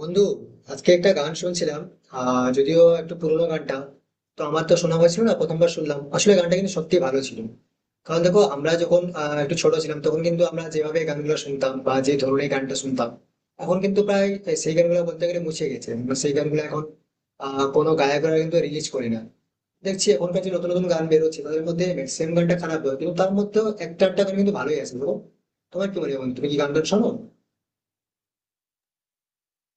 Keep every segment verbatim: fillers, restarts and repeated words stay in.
বন্ধু, আজকে একটা গান শুনছিলাম। আহ যদিও একটু পুরোনো গানটা, তো আমার তো শোনা হয়েছিল না, প্রথমবার শুনলাম আসলে, গানটা কিন্তু সত্যি ভালো ছিল। কারণ দেখো, আমরা যখন আহ, একটু ছোট ছিলাম, তখন কিন্তু আমরা যেভাবে গানগুলো শুনতাম বা যে ধরনের গানটা শুনতাম, এখন কিন্তু প্রায় সেই গানগুলো বলতে গেলে মুছে গেছে। মানে সেই গানগুলো এখন আহ কোনো গায়করা কিন্তু রিলিজ করে না। দেখছি এখনকার যে নতুন নতুন গান বেরোচ্ছে, তাদের মধ্যে ম্যাক্সিমাম গানটা খারাপ হয়, কিন্তু তার মধ্যেও একটা একটা গান কিন্তু ভালোই আছে দেখো। তোমার কি মনে হয় বন্ধু? তুমি কি গান টান শোনো?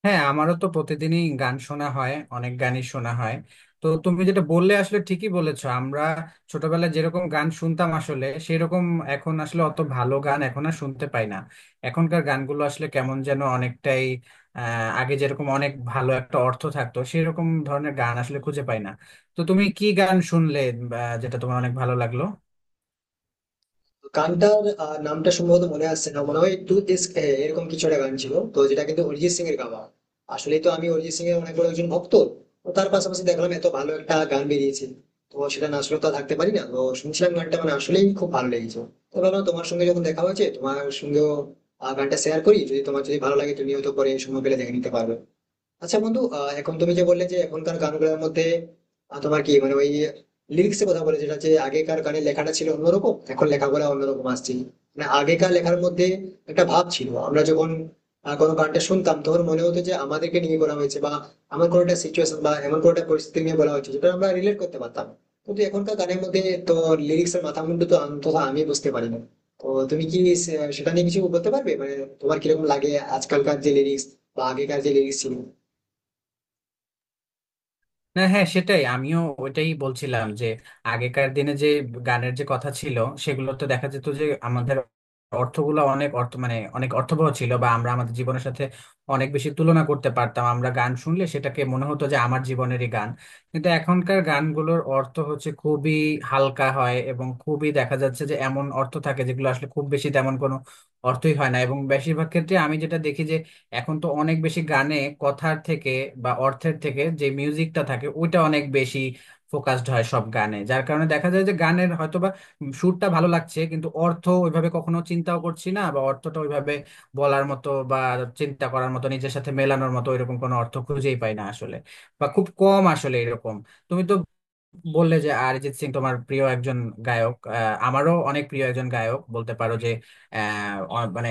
হ্যাঁ, আমারও তো প্রতিদিনই গান শোনা হয়, অনেক গানই শোনা হয়। তো তুমি যেটা বললে আসলে ঠিকই বলেছো। আমরা ছোটবেলায় যেরকম গান শুনতাম আসলে সেরকম এখন আসলে অত ভালো গান এখন আর শুনতে পাই না। এখনকার গানগুলো আসলে কেমন যেন অনেকটাই আহ আগে যেরকম অনেক ভালো একটা অর্থ থাকতো সেরকম ধরনের গান আসলে খুঁজে পাই না। তো তুমি কি গান শুনলে বা যেটা তোমার অনেক ভালো লাগলো? গানটার আহ, নামটা সম্ভবত মনে আসছে না, মনে হয় টু দিস এরকম কিছু একটা গান ছিল, তো যেটা কিন্তু অরিজিৎ সিং এর গাওয়া। আসলে তো আমি অরিজিৎ সিং এর অনেক বড় একজন ভক্ত। তো তার পাশাপাশি দেখলাম এত ভালো একটা গান বেরিয়েছে, তো সেটা না শুনে তো আর থাকতে পারি না। তো শুনছিলাম গানটা, মানে আসলেই খুব ভালো লেগেছে। তো ভাবলাম তোমার সঙ্গে যখন দেখা হয়েছে, তোমার সঙ্গেও আহ, গানটা শেয়ার করি। যদি তোমার যদি ভালো লাগে, তুমি হয়তো পরে সময় পেলে দেখে নিতে পারবে। আচ্ছা বন্ধু, আহ, এখন তুমি যে বললে যে এখনকার গানগুলোর মধ্যে, আহ, তোমার কি মানে ওই লিরিক্স এর কথা বলে, যেটা যে আগেকার গানের লেখাটা ছিল অন্যরকম, এখন লেখাগুলো অন্যরকম আসছে। মানে আগেকার লেখার মধ্যে একটা ভাব ছিল। আমরা যখন আহ, কোনো গানটা শুনতাম, তখন মনে হতো যে আমাদেরকে নিয়ে বলা হয়েছে, বা আমার কোনো একটা সিচুয়েশন বা এমন কোনো একটা পরিস্থিতি নিয়ে বলা হয়েছে, যেটা আমরা রিলেট করতে পারতাম। কিন্তু এখনকার গানের মধ্যে তো লিরিক্স এর মাথা মুন্ডু তো অন্তত আমি বুঝতে পারি না। তো তুমি কি সে- সেটা নিয়ে কিছু বলতে পারবে, মানে তোমার কিরকম লাগে আজকালকার যে লিরিক্স বা আগেকার যে লিরিক্স ছিল? না, হ্যাঁ সেটাই আমিও ওইটাই বলছিলাম যে আগেকার দিনে যে গানের যে কথা ছিল সেগুলো তো দেখা যেত যে আমাদের অর্থগুলো অনেক অর্থ মানে অনেক অর্থবহ ছিল, বা আমরা আমাদের জীবনের সাথে অনেক বেশি তুলনা করতে পারতাম, আমরা গান শুনলে সেটাকে মনে হতো যে আমার জীবনেরই গান। কিন্তু এখনকার গানগুলোর অর্থ হচ্ছে খুবই হালকা হয়, এবং খুবই দেখা যাচ্ছে যে এমন অর্থ থাকে যেগুলো আসলে খুব বেশি তেমন কোনো অর্থই হয় না। এবং বেশিরভাগ ক্ষেত্রে আমি যেটা দেখি, এখন তো অনেক বেশি গানে কথার থেকে বা অর্থের থেকে যে মিউজিকটা থাকে ওইটা অনেক বেশি ফোকাসড হয় সব গানে, যার কারণে দেখা যায় যে গানের হয়তোবা সুরটা ভালো লাগছে, কিন্তু অর্থ ওইভাবে কখনো চিন্তাও করছি না, বা অর্থটা ওইভাবে বলার মতো বা চিন্তা করার মতো নিজের সাথে মেলানোর মতো এরকম কোনো অর্থ খুঁজেই পাই না আসলে, বা খুব কম আসলে এরকম। তুমি তো বললে যে অরিজিৎ সিং তোমার প্রিয় একজন গায়ক। আহ, আমারও অনেক প্রিয় একজন গায়ক বলতে পারো যে আহ, অ- মানে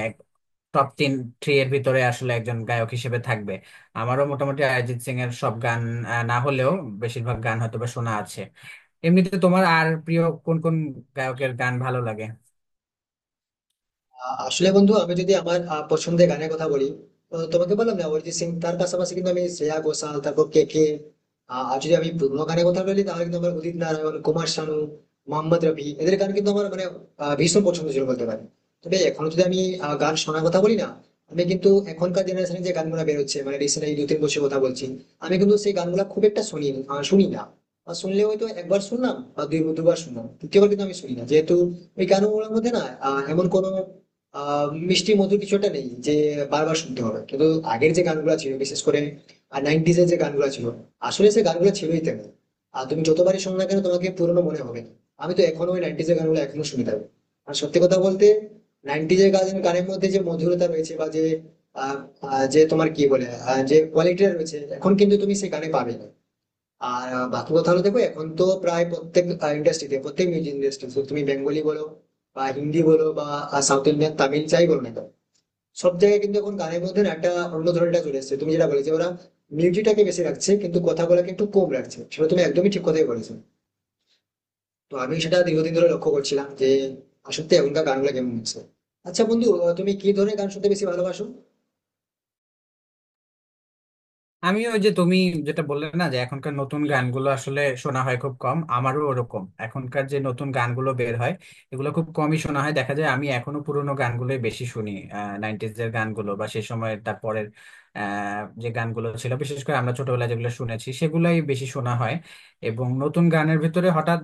টপ তিন থ্রি এর ভিতরে আসলে একজন গায়ক হিসেবে থাকবে। আমারও মোটামুটি অরিজিৎ সিং এর সব গান আহ, না হলেও বেশিরভাগ গান হয়তোবা শোনা আছে। এমনিতে তোমার আর প্রিয় কোন কোন গায়কের গান ভালো লাগে? আ- আসলে বন্ধু, আমি যদি আমার আ, পছন্দের গানের কথা বলি, তো তোমাকে বললাম না অরিজিৎ সিং, তার পাশাপাশি কিন্তু আমি শ্রেয়া ঘোষাল, তারপর কে কে। আর যদি আমি পুরোনো গানের কথা বলি, তাহলে কিন্তু আমার উদিত নারায়ণ, কুমার শানু, মোহাম্মদ রফি এদের গান কিন্তু আমার মানে আ, ভীষণ পছন্দ ছিল বলতে পারি। তবে এখন যদি আমি আ, গান শোনার কথা বলি না, আমি কিন্তু এখনকার জেনারেশনে যে গানগুলো বেরোচ্ছে, মানে রিসেন্ট এই দু তিন বছর কথা বলছি, আমি কিন্তু সেই গানগুলো খুব একটা শুনি, আ, শুনি না। বা শুনলে হয়তো একবার শুনলাম বা দুই দুবার শুনলাম, তৃতীয়বার কিন্তু আমি শুনি না, যেহেতু ওই গানগুলোর মধ্যে না আহ, এমন কোনো আহ মিষ্টি মধু কিছুটা নেই যে বারবার শুনতে হবে। কিন্তু আগের যে গানগুলো ছিল, বিশেষ করে নাইনটিজ এর যে গানগুলো ছিল, আসলে সে গানগুলো ছিলই তেমন। আর তুমি যতবারই শোনো না কেন, তোমাকে পুরনো মনে হবে। আমি তো এখনো ওই নাইনটিজ এর গানগুলো এখনো শুনে থাকি। আর সত্যি কথা বলতে, নাইনটিজ এর গান গানের মধ্যে যে মধুরতা রয়েছে, বা যে আহ, আহ, যে তোমার কি বলে আহ, যে কোয়ালিটিটা রয়েছে, এখন কিন্তু তুমি সেই গানে পাবে না। আর আহ, বাকি কথা হলো, দেখো এখন তো প্রায় প্রত্যেক ইন্ডাস্ট্রিতে, প্রত্যেক মিউজিক ইন্ডাস্ট্রি, তুমি বেঙ্গলি বলো বা হিন্দি বলো বা সাউথ ইন্ডিয়ান তামিল যাই বলো না কেন, সব জায়গায় কিন্তু এখন গানের মধ্যে না একটা অন্য ধরনটা চলে এসেছে। তুমি যেটা বলে যে ওরা মিউজিকটাকে বেশি রাখছে, কিন্তু কথাগুলোকে একটু কম রাখছে, সেটা তুমি একদমই ঠিক কথাই বলেছো। তো আমি সেটা দীর্ঘদিন ধরে লক্ষ্য করছিলাম যে আসলে এখনকার গানগুলো কেমন হচ্ছে। আচ্ছা বন্ধু, আহ, তুমি কি ধরনের গান শুনতে বেশি ভালোবাসো? আমি ওই যে তুমি যেটা বললে না যে এখনকার নতুন গানগুলো আসলে শোনা হয় খুব কম, আমারও ওরকম এখনকার যে নতুন গানগুলো বের হয় এগুলো খুব কমই শোনা হয়। দেখা যায় আমি এখনো পুরোনো গানগুলোই বেশি শুনি। নাইনটিজ এর গানগুলো বা সেই সময়ের তারপরের আহ, যে গানগুলো ছিল বিশেষ করে আমরা ছোটবেলায় যেগুলো শুনেছি সেগুলাই বেশি শোনা হয়। এবং নতুন গানের ভিতরে হঠাৎ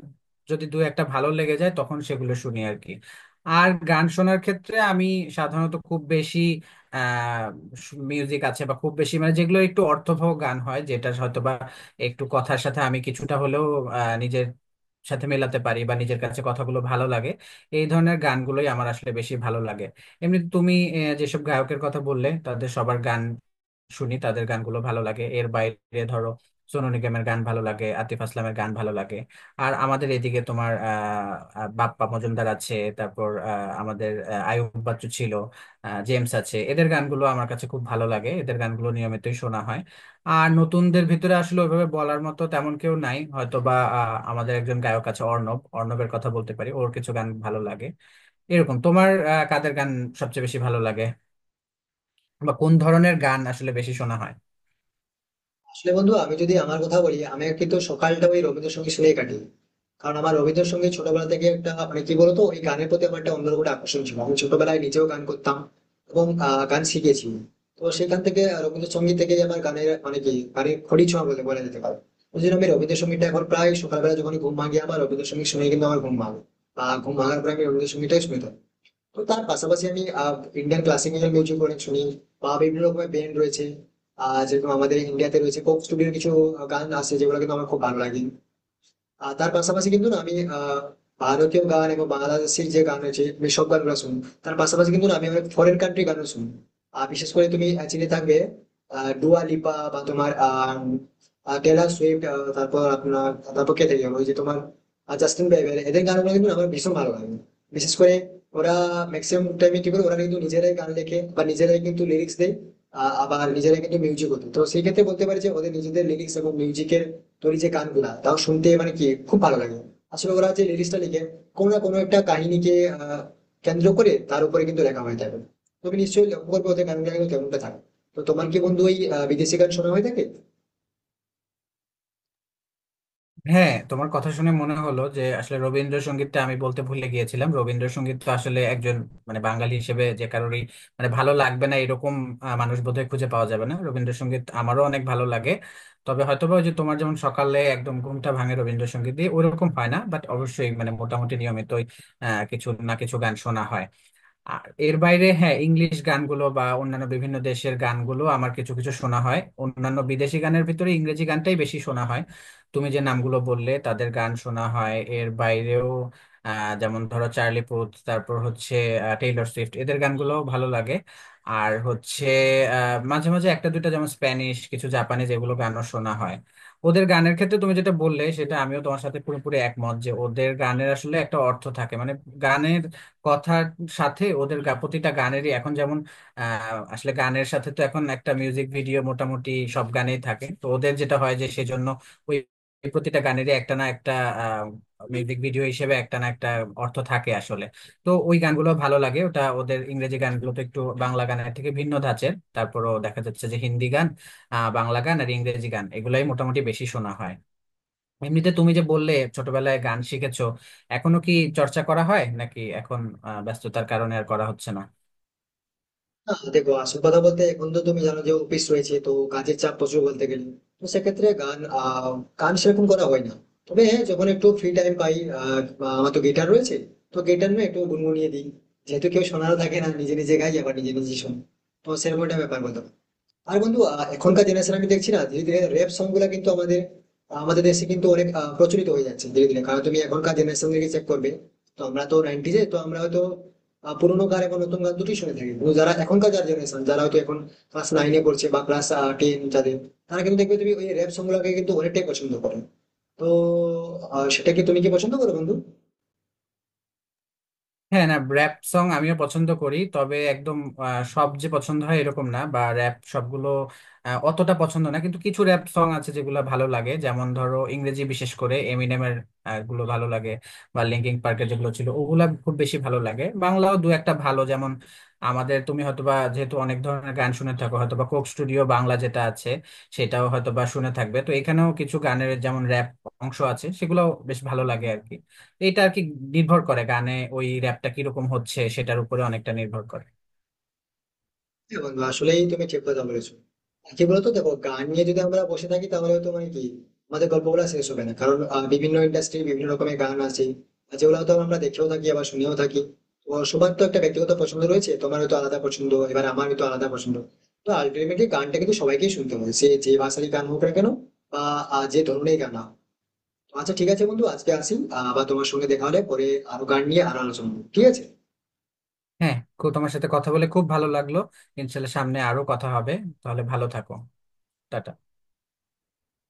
যদি দু একটা ভালো লেগে যায় তখন সেগুলো শুনি আর কি। আর গান শোনার ক্ষেত্রে আমি সাধারণত খুব বেশি মিউজিক আছে বা খুব বেশি মানে যেগুলো একটু অর্থবহ গান হয়, যেটা হয়তো বা একটু কথার সাথে আমি কিছুটা হলেও আহ, নিজের সাথে মেলাতে পারি বা নিজের কাছে কথাগুলো ভালো লাগে, এই ধরনের গানগুলোই আমার আসলে বেশি ভালো লাগে। এমনি তুমি আহ, যেসব গায়কের কথা বললে তাদের সবার গান শুনি, তাদের গানগুলো ভালো লাগে। এর বাইরে ধরো সোনু নিগমের গান ভালো লাগে, আতিফ আসলামের গান ভালো লাগে। আর আমাদের এদিকে তোমার আহ আহ, বাপ্পা মজুমদার আছে, তারপর আহ, আমাদের আহ, আয়ুব বাচ্চু ছিল, আহ, জেমস আছে, এদের গানগুলো আমার কাছে খুব ভালো লাগে, এদের গানগুলো নিয়মিতই শোনা হয়। আর নতুনদের ভিতরে আসলে ওইভাবে বলার মতো তেমন কেউ নাই, হয়তো বা আহ, আমাদের একজন গায়ক আছে অর্ণব, অর্ণবের কথা বলতে পারি, ওর কিছু গান ভালো লাগে। এরকম তোমার আহ, কাদের গান সবচেয়ে বেশি ভালো লাগে বা কোন ধরনের গান আসলে বেশি শোনা হয়? আসলে বন্ধু, আমি যদি আমার কথা বলি, আমি কিন্তু সকালটা ওই রবীন্দ্রসঙ্গীত শুনেই কাটি। কারণ আমার রবীন্দ্রসঙ্গীত ছোটবেলা থেকে একটা মানে কি বলতো, ওই গানের প্রতি আমার একটা অন্যরকম একটা আকর্ষণ ছিল। আমি ছোটবেলায় নিজেও গান করতাম এবং আহ, গান শিখেছি। তো সেখান থেকে আহ, রবীন্দ্রসঙ্গীত থেকে আমার গানের মানে কি গানের খড়ি ছোঁয়া বলে বলা যেতে পারে। ওই জন্য আমি রবীন্দ্রসঙ্গীতটা এখন প্রায় সকালবেলা যখন ঘুম ভাঙি, আমার রবীন্দ্রসঙ্গীত শুনে কিন্তু আমার ঘুম ভাঙে। বা ঘুম ভাঙার পরে আমি রবীন্দ্রসঙ্গীতটাই শুনে থাকি। তো তার পাশাপাশি আমি ইন্ডিয়ান ক্লাসিক্যাল মিউজিক অনেক শুনি, বা বিভিন্ন রকমের ব্যান্ড রয়েছে। আহ যেরকম আমাদের ইন্ডিয়াতে রয়েছে কোক স্টুডিওর কিছু গান আছে, যেগুলো কিন্তু আমার খুব ভালো লাগে। আর তার পাশাপাশি কিন্তু না আমি আহ, ভারতীয় গান এবং বাংলাদেশের যে গান রয়েছে আমি সব গানগুলো শুনি। তার পাশাপাশি কিন্তু না আমি অনেক ফরেন কান্ট্রি গানও শুনি। আর বিশেষ করে তুমি আহ, চিনে থাকবে আহ, ডুয়া লিপা বা তোমার আহ টেলর সুইফট, আহ, তারপর আপনার, তারপর কে থেকে গেলো? ওই যে তোমার আহ, জাস্টিন বিবার, এদের গানগুলো কিন্তু আমার ভীষণ ভালো লাগে। বিশেষ করে ওরা ম্যাক্সিমাম টাইমে কি করে, ওরা কিন্তু নিজেরাই গান লেখে বা নিজেরাই কিন্তু লিরিক্স দেয়, আহ, আবার নিজেরাই কিন্তু মিউজিকও দেয়। তো সেই ক্ষেত্রে বলতে পারি যে ওদের নিজেদের লিরিক্স এবং মিউজিকের তোর এই যে গানগুলা, তাও শুনতে মানে কি খুব ভালো লাগে। আসলে ওরা যে লিরিক্সটা লিখে কোনো না কোনো একটা কাহিনীকে আহ, কেন্দ্র করে তার উপরে কিন্তু লেখা হয়ে থাকে। তুমি নিশ্চয়ই লক্ষ্য করবে, ওদের গানগুলো কিন্তু কেমনটা থাকে। তো তোমার কি বন্ধু ওই আহ, বিদেশি গান শোনা হয়ে থাকে? হ্যাঁ, তোমার কথা শুনে মনে হলো যে আসলে রবীন্দ্রসঙ্গীতটা আমি বলতে ভুলে গিয়েছিলাম। রবীন্দ্রসঙ্গীত তো আসলে একজন মানে বাঙালি হিসেবে যে কারোরই মানে ভালো লাগবে না এরকম আহ, মানুষ বোধহয় খুঁজে পাওয়া যাবে না। রবীন্দ্রসঙ্গীত আমারও অনেক ভালো লাগে। তবে হয়তোবা ওই যে তোমার যেমন সকালে একদম ঘুমটা ভাঙে রবীন্দ্রসঙ্গীত দিয়ে ওরকম হয় না, বাট অবশ্যই মানে মোটামুটি নিয়মিতই আহ কিছু না কিছু গান শোনা হয়। আর এর বাইরে হ্যাঁ ইংলিশ গানগুলো বা অন্যান্য বিভিন্ন দেশের গানগুলো আমার কিছু কিছু শোনা হয়। অন্যান্য বিদেশি গানের ভিতরে ইংরেজি গানটাই বেশি শোনা হয়। তুমি যে নামগুলো বললে তাদের গান শোনা হয়, এর বাইরেও আহ, যেমন ধরো চার্লি পুথ, তারপর হচ্ছে আহ, টেইলর সুইফট, এদের গানগুলো ভালো লাগে। আর হচ্ছে আহ, মাঝে মাঝে একটা দুইটা যেমন স্প্যানিশ কিছু জাপানিজ এগুলো গানও শোনা হয়। ওদের গানের ক্ষেত্রে তুমি যেটা বললে সেটা আমিও তোমার সাথে পুরোপুরি একমত যে ওদের গানের আসলে একটা অর্থ থাকে মানে গানের কথার সাথে ওদের গা- প্রতিটা গানেরই এখন যেমন আহ, আসলে গানের সাথে তো এখন একটা মিউজিক ভিডিও মোটামুটি সব গানেই থাকে, তো ওদের যেটা হয় যে সেজন্য ওই প্রতিটা গানেরই একটা না একটা মিউজিক ভিডিও হিসেবে একটা না একটা অর্থ থাকে আসলে। তো ওই গানগুলো ভালো লাগে। ওটা ওদের ইংরেজি গানগুলো তো একটু বাংলা গানের থেকে ভিন্ন ধাঁচের। তারপরও দেখা যাচ্ছে যে হিন্দি গান, আহ, বাংলা গান আর ইংরেজি গান এগুলাই মোটামুটি বেশি শোনা হয়। এমনিতে তুমি যে বললে ছোটবেলায় গান শিখেছো, এখনো কি চর্চা করা হয় নাকি এখন আহ, ব্যস্ততার কারণে আর করা হচ্ছে না? না দেখো, আসল কথা বলতে এখন তো তুমি জানো যে অফিস রয়েছে, তো কাজের চাপ প্রচুর বলতে গেলে। তো সেক্ষেত্রে গান আহ, গান সেরকম করা হয় না। তবে হ্যাঁ যখন একটু ফ্রি টাইম পাই, আহ, বা আমার তো গিটার রয়েছে, তো গিটার না একটু গুনগুনিয়ে দিই। যেহেতু কেউ শোনারও থাকে না, নিজে নিজে গাই আবার নিজে নিজে শুনি। তো সেরকম একটা ব্যাপার বলতে পারো। আর বন্ধু, আহ, এখনকার জেনারেশন আমি দেখছি না, ধীরে ধীরে র্যাপ সং গুলা কিন্তু আমাদের আমাদের দেশে কিন্তু অনেক আহ, প্রচলিত হয়ে যাচ্ছে ধীরে ধীরে। কারণ তুমি এখনকার জেনারেশন থেকে চেক করবে, তো আমরা তো নাইনটিজে তো আমরা হয়তো আহ, পুরোনো গান এবং নতুন গান দুটোই শুনে থাকি। কিন্তু যারা এখনকার যারা জেনারেশন, যারা হয়তো এখন ক্লাস নাইনে পড়ছে বা ক্লাস টেন, যাদের, তারা কিন্তু দেখবে তুমি ওই র্যাপ সং গুলাকে কিন্তু অনেকটাই পছন্দ করে। তো আহ, সেটা কি তুমি কি পছন্দ করো বন্ধু? হ্যাঁ, না র্যাপ সং আমিও পছন্দ করি, তবে একদম আহ, সব যে পছন্দ হয় এরকম না, বা র্যাপ সবগুলো আহ, অতটা পছন্দ না। কিন্তু কিছু র্যাপ সং আছে যেগুলো ভালো লাগে, যেমন ধরো ইংরেজি বিশেষ করে এমিনেমের আহ, গুলো ভালো লাগে, বা লিঙ্কিং পার্কের যেগুলো ছিল ওগুলা খুব বেশি ভালো লাগে। বাংলাও দু একটা ভালো, যেমন আমাদের তুমি হয়তোবা যেহেতু অনেক ধরনের গান শুনে থাকো হয়তোবা কোক স্টুডিও বাংলা যেটা আছে সেটাও হয়তোবা শুনে থাকবে। তো এখানেও কিছু গানের যেমন র্যাপ অংশ আছে সেগুলো বেশ ভালো লাগে আর কি। এটা আর কি নির্ভর করে গানে ওই র্যাপটা কিরকম হচ্ছে সেটার উপরে অনেকটা নির্ভর করে। হ্যাঁ বন্ধু, আসলেই তুমি ঠিক কথা বলেছো। আর কি বলতো, দেখো গান নিয়ে যদি আমরা বসে থাকি, তাহলে তো মানে কি আমাদের গল্পগুলো শেষ হবে না, কারণ আহ, বিভিন্ন ইন্ডাস্ট্রি বিভিন্ন রকমের গান আছে, আর যেগুলো হয়তো আমরা দেখেও থাকি আবার শুনেও থাকি। তো সবার তো একটা ব্যক্তিগত পছন্দ রয়েছে, তোমার হয়তো আলাদা পছন্দ, এবার আমার হয়তো আলাদা পছন্দ। তো আলটিমেটলি গানটা কিন্তু সবাইকেই শুনতে হবে, সে যে ভাষারই গান হোক না কেন, বা আহ, যে ধরনের গান না হোক। তো আচ্ছা ঠিক আছে বন্ধু, আজকে আসি, আহ, আবার তোমার সঙ্গে দেখা হলে পরে আরো গান নিয়ে আরো আলোচনা করবো। ঠিক আছে। হ্যাঁ, খুব তোমার সাথে কথা বলে খুব ভালো লাগলো। ইনশাল্লাহ সামনে আরো কথা হবে। তাহলে ভালো থাকো। টাটা।